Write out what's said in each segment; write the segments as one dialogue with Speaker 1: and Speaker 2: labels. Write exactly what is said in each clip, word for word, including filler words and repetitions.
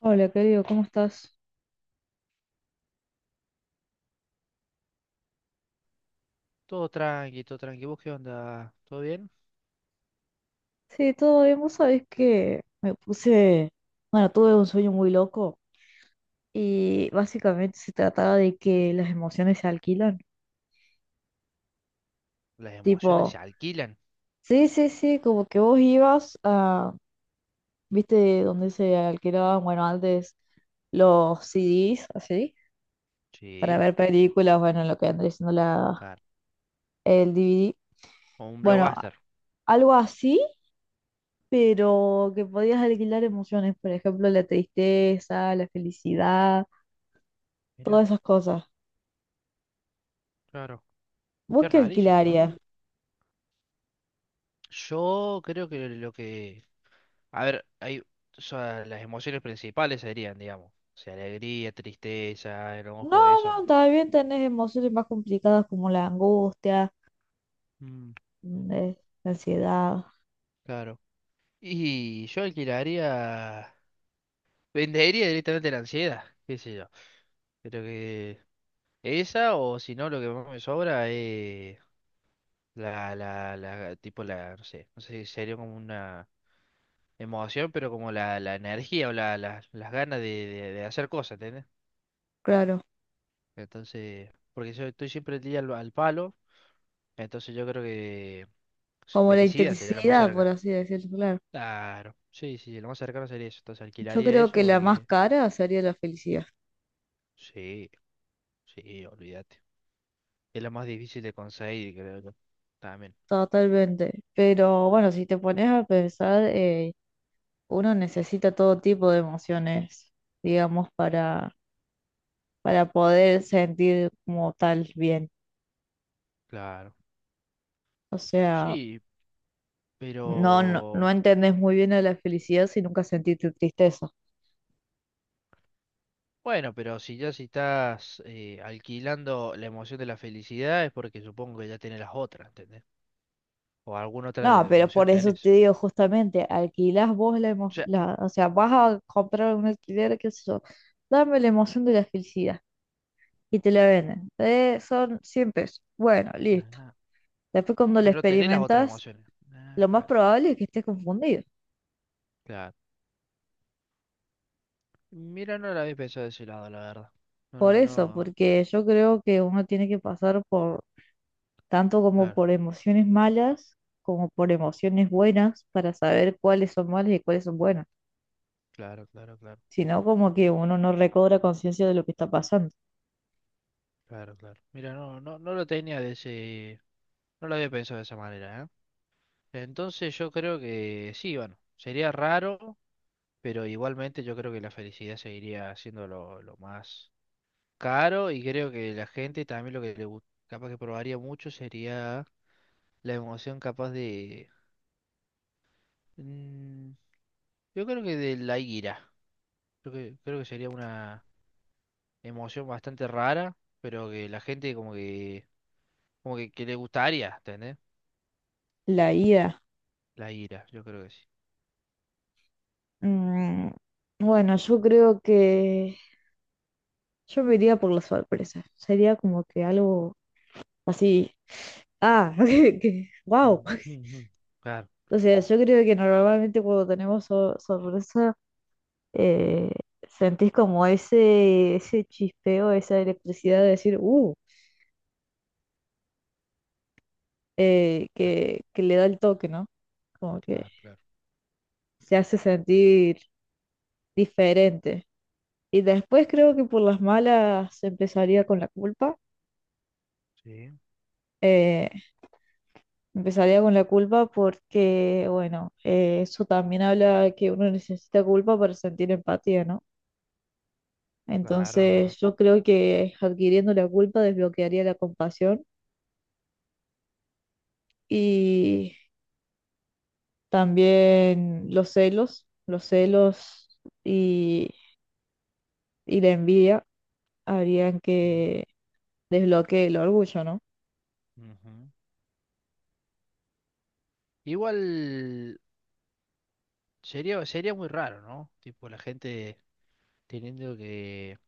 Speaker 1: Hola, querido, ¿cómo estás?
Speaker 2: Todo tranqui, todo tranqui. ¿Vos qué onda? ¿Todo bien?
Speaker 1: Sí, todo bien. Vos sabés que me puse, bueno, tuve un sueño muy loco y básicamente se trataba de que las emociones se alquilan.
Speaker 2: Las emociones se
Speaker 1: Tipo,
Speaker 2: alquilan.
Speaker 1: sí, sí, sí, como que vos ibas a, viste, donde se alquilaban, bueno, antes los C D s, así, para
Speaker 2: Sí,
Speaker 1: ver películas, bueno, lo que andrés siendo la,
Speaker 2: claro.
Speaker 1: el D V D.
Speaker 2: O un
Speaker 1: Bueno, a-
Speaker 2: blockbuster.
Speaker 1: algo así, pero que podías alquilar emociones, por ejemplo, la tristeza, la felicidad. Todas
Speaker 2: Mira,
Speaker 1: esas cosas.
Speaker 2: claro.
Speaker 1: ¿Vos
Speaker 2: Qué
Speaker 1: qué
Speaker 2: rarísimo, ¿no?
Speaker 1: alquilarías?
Speaker 2: Yo creo que lo que... A ver, hay... o sea, las emociones principales serían, digamos. O sea, alegría, tristeza,
Speaker 1: No,
Speaker 2: enojo, eso.
Speaker 1: no, también tenés emociones más complicadas como la angustia,
Speaker 2: Mm,
Speaker 1: mm, eh, la ansiedad,
Speaker 2: claro. Y yo alquilaría... Vendería directamente la ansiedad. ¿Qué sé yo? Creo que... Esa o si no, lo que más me sobra es... La, la, la, tipo la, no sé, no sé si sería como una emoción, pero como la, la energía o la, la- las ganas de, de- de hacer cosas, ¿entendés?
Speaker 1: claro,
Speaker 2: Entonces, porque yo estoy siempre el día al, al palo, entonces yo creo que
Speaker 1: como la
Speaker 2: felicidad sería lo más
Speaker 1: intensidad, por
Speaker 2: cerca.
Speaker 1: así decirlo, claro.
Speaker 2: Claro, sí, sí, sí, lo más cercano sería eso, entonces
Speaker 1: Yo
Speaker 2: alquilaría
Speaker 1: creo
Speaker 2: eso
Speaker 1: que la más
Speaker 2: porque,
Speaker 1: cara sería la felicidad,
Speaker 2: sí, sí, olvídate. Es lo más difícil de conseguir, creo yo. También,
Speaker 1: totalmente. Pero bueno, si te pones a pensar, eh, uno necesita todo tipo de emociones, digamos, para, para poder sentir como tal bien.
Speaker 2: claro.
Speaker 1: O sea...
Speaker 2: Sí,
Speaker 1: No, no, no
Speaker 2: pero...
Speaker 1: entendés muy bien de la felicidad si nunca sentiste tristeza.
Speaker 2: Bueno, pero si ya si estás eh, alquilando la emoción de la felicidad es porque supongo que ya tenés las otras, ¿entendés? O alguna otra
Speaker 1: No,
Speaker 2: de-
Speaker 1: pero
Speaker 2: emoción
Speaker 1: por eso te
Speaker 2: tenés.
Speaker 1: digo justamente, alquilás vos la
Speaker 2: O sea,
Speaker 1: emoción, o sea, vas a comprar un alquiler, qué sé yo, dame la emoción de la felicidad y te la venden. Eh, son cien pesos. Bueno,
Speaker 2: ah,
Speaker 1: listo.
Speaker 2: nah,
Speaker 1: Después cuando la
Speaker 2: pero tenés las otras
Speaker 1: experimentas,
Speaker 2: emociones. Ah,
Speaker 1: lo más
Speaker 2: claro,
Speaker 1: probable es que estés confundido.
Speaker 2: claro. Mira, no la había pensado de ese lado, la verdad. No,
Speaker 1: Por
Speaker 2: no,
Speaker 1: eso,
Speaker 2: no.
Speaker 1: porque yo creo que uno tiene que pasar por tanto como
Speaker 2: Claro,
Speaker 1: por emociones malas como por emociones buenas para saber cuáles son malas y cuáles son buenas.
Speaker 2: claro, claro, claro,
Speaker 1: Sino como que uno no recobra conciencia de lo que está pasando.
Speaker 2: claro, claro. Mira, no, no, no lo tenía de ese, no lo había pensado de esa manera, ¿eh? Entonces yo creo que sí, bueno, sería raro, pero igualmente yo creo que la felicidad seguiría siendo lo, lo más caro y creo que la gente también lo que le gu- capaz que probaría mucho sería la emoción capaz de mm, yo creo que de la ira. Creo que, creo que sería una emoción bastante rara, pero que la gente como que como que, que le gustaría, ¿entendés?
Speaker 1: La I A.
Speaker 2: La ira, yo creo que sí.
Speaker 1: mm, bueno, yo creo que yo me iría por la sorpresa. Sería como que algo así. Ah, que, wow.
Speaker 2: Mm. Mm, mm. Claro,
Speaker 1: O sea, yo creo que normalmente cuando tenemos so- sorpresa, eh, sentís como ese, ese chispeo, esa electricidad de decir, uh, eh,
Speaker 2: claro,
Speaker 1: que, que le da el toque, ¿no? Como que
Speaker 2: claro, claro.
Speaker 1: se hace sentir diferente. Y después creo que por las malas empezaría con la culpa.
Speaker 2: Sí,
Speaker 1: Eh, Empezaría con la culpa porque, bueno, eh, eso también habla que uno necesita culpa para sentir empatía, ¿no?
Speaker 2: claro, es
Speaker 1: Entonces
Speaker 2: verdad.
Speaker 1: yo creo que adquiriendo la culpa desbloquearía la compasión y también los celos, los celos y, y la envidia harían
Speaker 2: Sí.
Speaker 1: que desbloquee el orgullo, ¿no?
Speaker 2: Ujú. Igual sería sería muy raro, ¿no? Tipo la gente teniendo que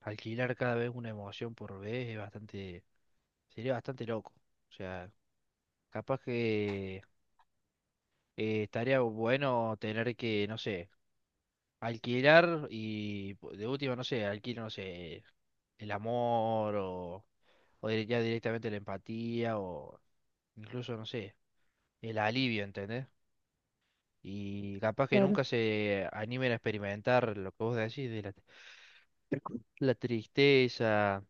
Speaker 2: alquilar cada vez una emoción por vez es bastante, sería bastante loco. O sea, capaz que eh, estaría bueno tener que, no sé, alquilar y po- de última, no sé, alquilar, no sé, el amor o, o dire- ya directamente la empatía o incluso, no sé, el alivio, ¿entendés? Y capaz que
Speaker 1: Claro.
Speaker 2: nunca se animen a experimentar lo que vos decís de la, la tristeza,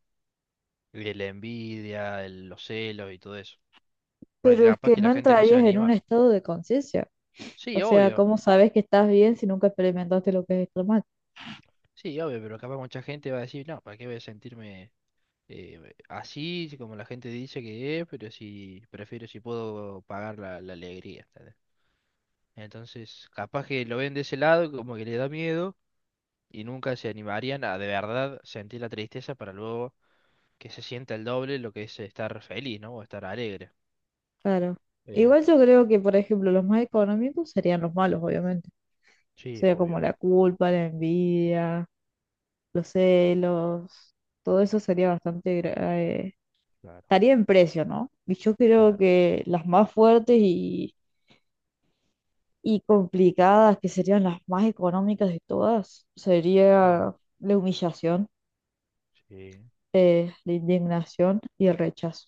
Speaker 2: de la envidia, el- los celos y todo eso. Porque
Speaker 1: Pero es
Speaker 2: capaz
Speaker 1: que
Speaker 2: que
Speaker 1: no
Speaker 2: la gente no se va a
Speaker 1: entrarías en un
Speaker 2: animar.
Speaker 1: estado de conciencia.
Speaker 2: Sí,
Speaker 1: O sea,
Speaker 2: obvio.
Speaker 1: ¿cómo sabes que estás bien si nunca experimentaste lo que es estar mal?
Speaker 2: Sí, obvio, pero capaz mucha gente va a decir, no, ¿para qué voy a sentirme eh, así, si como la gente dice que es, pero si prefiero si puedo pagar la, la alegría. ¿Entendés? Entonces, capaz que lo ven de ese lado, como que le da miedo, y nunca se animarían a de verdad sentir la tristeza para luego que se sienta el doble lo que es estar feliz, ¿no? O estar alegre.
Speaker 1: Claro.
Speaker 2: Eh,
Speaker 1: Igual yo creo que, por ejemplo, los más económicos serían los malos, obviamente. O
Speaker 2: sí,
Speaker 1: sea, como
Speaker 2: obvio.
Speaker 1: la culpa, la envidia, los celos, todo eso sería bastante... gra- eh,
Speaker 2: Claro,
Speaker 1: estaría en precio, ¿no? Y yo creo
Speaker 2: claro.
Speaker 1: que las más fuertes y, y complicadas, que serían las más económicas de todas,
Speaker 2: Sí,
Speaker 1: sería la humillación,
Speaker 2: sí,
Speaker 1: eh, la indignación y el rechazo.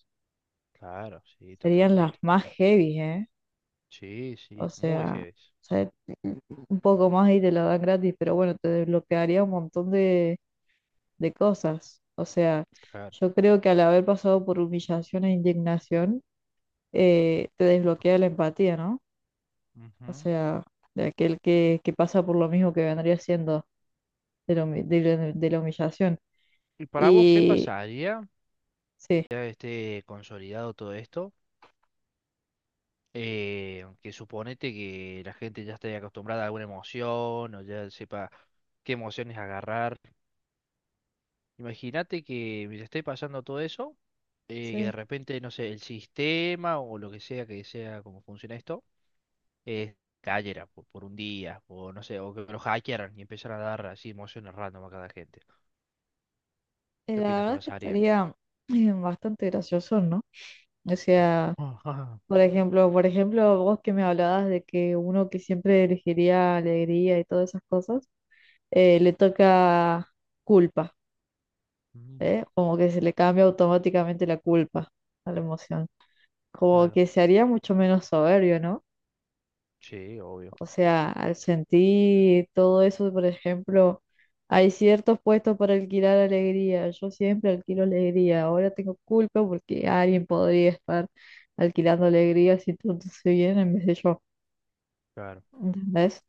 Speaker 2: claro, sí,
Speaker 1: Serían las
Speaker 2: totalmente,
Speaker 1: más
Speaker 2: totalmente.
Speaker 1: heavy, ¿eh?
Speaker 2: Sí,
Speaker 1: O
Speaker 2: sí, muy
Speaker 1: sea,
Speaker 2: heavy.
Speaker 1: o un poco más y te la dan gratis, pero bueno, te desbloquearía un montón de, de cosas. O sea,
Speaker 2: Claro.
Speaker 1: yo creo que al haber pasado por humillación e indignación, eh, te desbloquea la empatía, ¿no? O
Speaker 2: Ujú.
Speaker 1: sea, de aquel que, que pasa por lo mismo que vendría siendo de la, humi- de la- de la humillación.
Speaker 2: ¿Y para vos qué
Speaker 1: Y
Speaker 2: pasaría, viste? Una vez que
Speaker 1: sí,
Speaker 2: ya esté consolidado todo esto, eh, que suponete que la gente ya esté acostumbrada a alguna emoción o ya sepa qué emociones agarrar. Imagínate que mientras esté pasando todo eso, eh, que de
Speaker 1: sí.
Speaker 2: repente, no sé, el sistema o lo que sea que sea como funciona esto, eh, cayera por, por un día, o no sé, o que lo hackearan y empezaran a dar así emociones random a cada gente.
Speaker 1: Eh,
Speaker 2: ¿Qué
Speaker 1: La
Speaker 2: opinas que
Speaker 1: verdad es que
Speaker 2: pasaría?
Speaker 1: estaría eh, bastante gracioso, ¿no? O sea...
Speaker 2: Ajá.
Speaker 1: Por ejemplo, por ejemplo, vos que me hablabas de que uno que siempre elegiría alegría y todas esas cosas, eh, le toca culpa,
Speaker 2: Mm.
Speaker 1: ¿eh? Como que se le cambia automáticamente la culpa a la emoción. Como
Speaker 2: Claro,
Speaker 1: que se haría mucho menos soberbio, ¿no?
Speaker 2: sí, obvio.
Speaker 1: O sea, al sentir todo eso, por ejemplo, hay ciertos puestos para alquilar alegría. Yo siempre alquilo alegría. Ahora tengo culpa porque alguien podría estar alquilando alegría si tú no bien en vez de yo.
Speaker 2: Claro,
Speaker 1: ¿Entendés?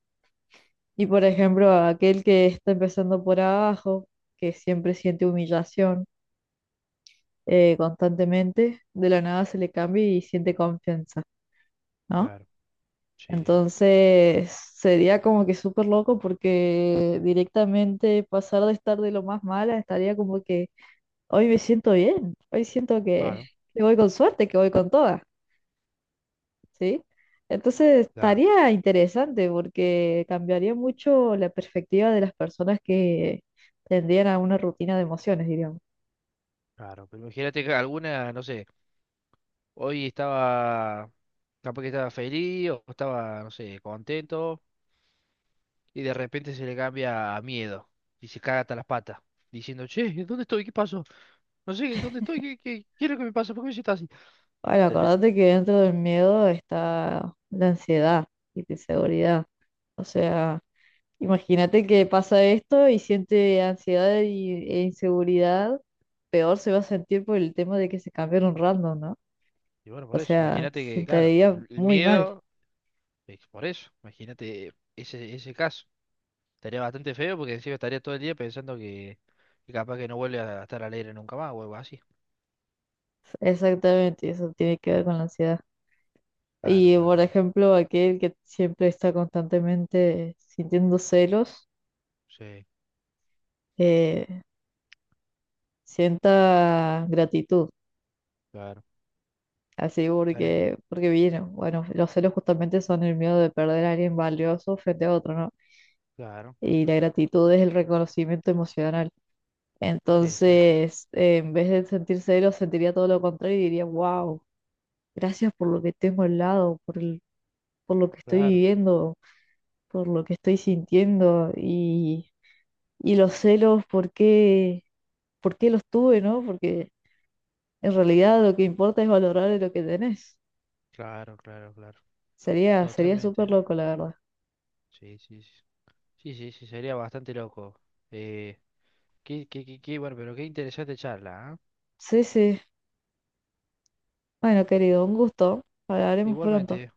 Speaker 1: Y por ejemplo, a aquel que está empezando por abajo, que siempre siente humillación eh, constantemente, de la nada se le cambia y siente confianza, ¿no?
Speaker 2: claro, sí,
Speaker 1: Entonces sería como que súper loco porque directamente pasar de estar de lo más mala estaría como que hoy me siento bien, hoy siento que,
Speaker 2: claro,
Speaker 1: que voy con suerte, que voy con toda. ¿Sí? Entonces
Speaker 2: claro,
Speaker 1: estaría interesante porque cambiaría mucho la perspectiva de las personas que tendrían a una rutina de emociones, diríamos.
Speaker 2: claro. Pero imagínate que alguna, no sé, hoy estaba, capaz que estaba feliz o estaba, no sé, contento y de repente se le cambia a miedo y se caga hasta las patas diciendo, che, ¿dónde estoy? ¿Qué pasó? No sé, ¿dónde estoy? ¿Qué, qué, qué es lo que me pasa? ¿Por qué me siento así?
Speaker 1: Ay,
Speaker 2: ¿Entendés?
Speaker 1: acordate que dentro del miedo está la ansiedad y la inseguridad. O sea, imagínate que pasa esto y siente ansiedad y- e inseguridad, peor se va a sentir por el tema de que se cambiaron random, ¿no?
Speaker 2: Y bueno,
Speaker 1: O
Speaker 2: por eso,
Speaker 1: sea,
Speaker 2: imagínate
Speaker 1: se
Speaker 2: que, claro,
Speaker 1: sentiría
Speaker 2: el, el
Speaker 1: muy mal.
Speaker 2: miedo, es por eso, imagínate ese, ese caso. Estaría bastante feo porque encima estaría todo el día pensando que, que, capaz que no vuelve a estar alegre nunca más o algo así.
Speaker 1: Exactamente, eso tiene que ver con la ansiedad.
Speaker 2: Claro,
Speaker 1: Y
Speaker 2: claro,
Speaker 1: por
Speaker 2: claro.
Speaker 1: ejemplo, aquel que siempre está constantemente sintiendo celos,
Speaker 2: Sí,
Speaker 1: eh, sienta gratitud,
Speaker 2: claro.
Speaker 1: así
Speaker 2: Tarea,
Speaker 1: porque, porque vino. Bueno, los celos justamente son el miedo de perder a alguien valioso frente a otro, ¿no?
Speaker 2: claro.
Speaker 1: Y la gratitud es el reconocimiento emocional.
Speaker 2: Exacto.
Speaker 1: Entonces, eh, en vez de sentir celos, sentiría todo lo contrario y diría, wow, gracias por lo que tengo al lado, por el- por lo que estoy
Speaker 2: Claro,
Speaker 1: viviendo, por lo que estoy sintiendo. Y y los celos, ¿por qué, por qué los tuve, no? Porque en realidad lo que importa es valorar lo que tenés.
Speaker 2: claro, claro, claro.
Speaker 1: Sería, sería
Speaker 2: Totalmente,
Speaker 1: súper
Speaker 2: ¿eh?
Speaker 1: loco, la verdad.
Speaker 2: Sí, sí, sí. Sí, sí, sí, sería bastante loco. Eh, qué, qué, qué, qué- bueno, pero qué interesante charla, ¿ah?
Speaker 1: Sí, sí. Bueno, querido, un gusto. Hablaremos pronto.
Speaker 2: Igualmente.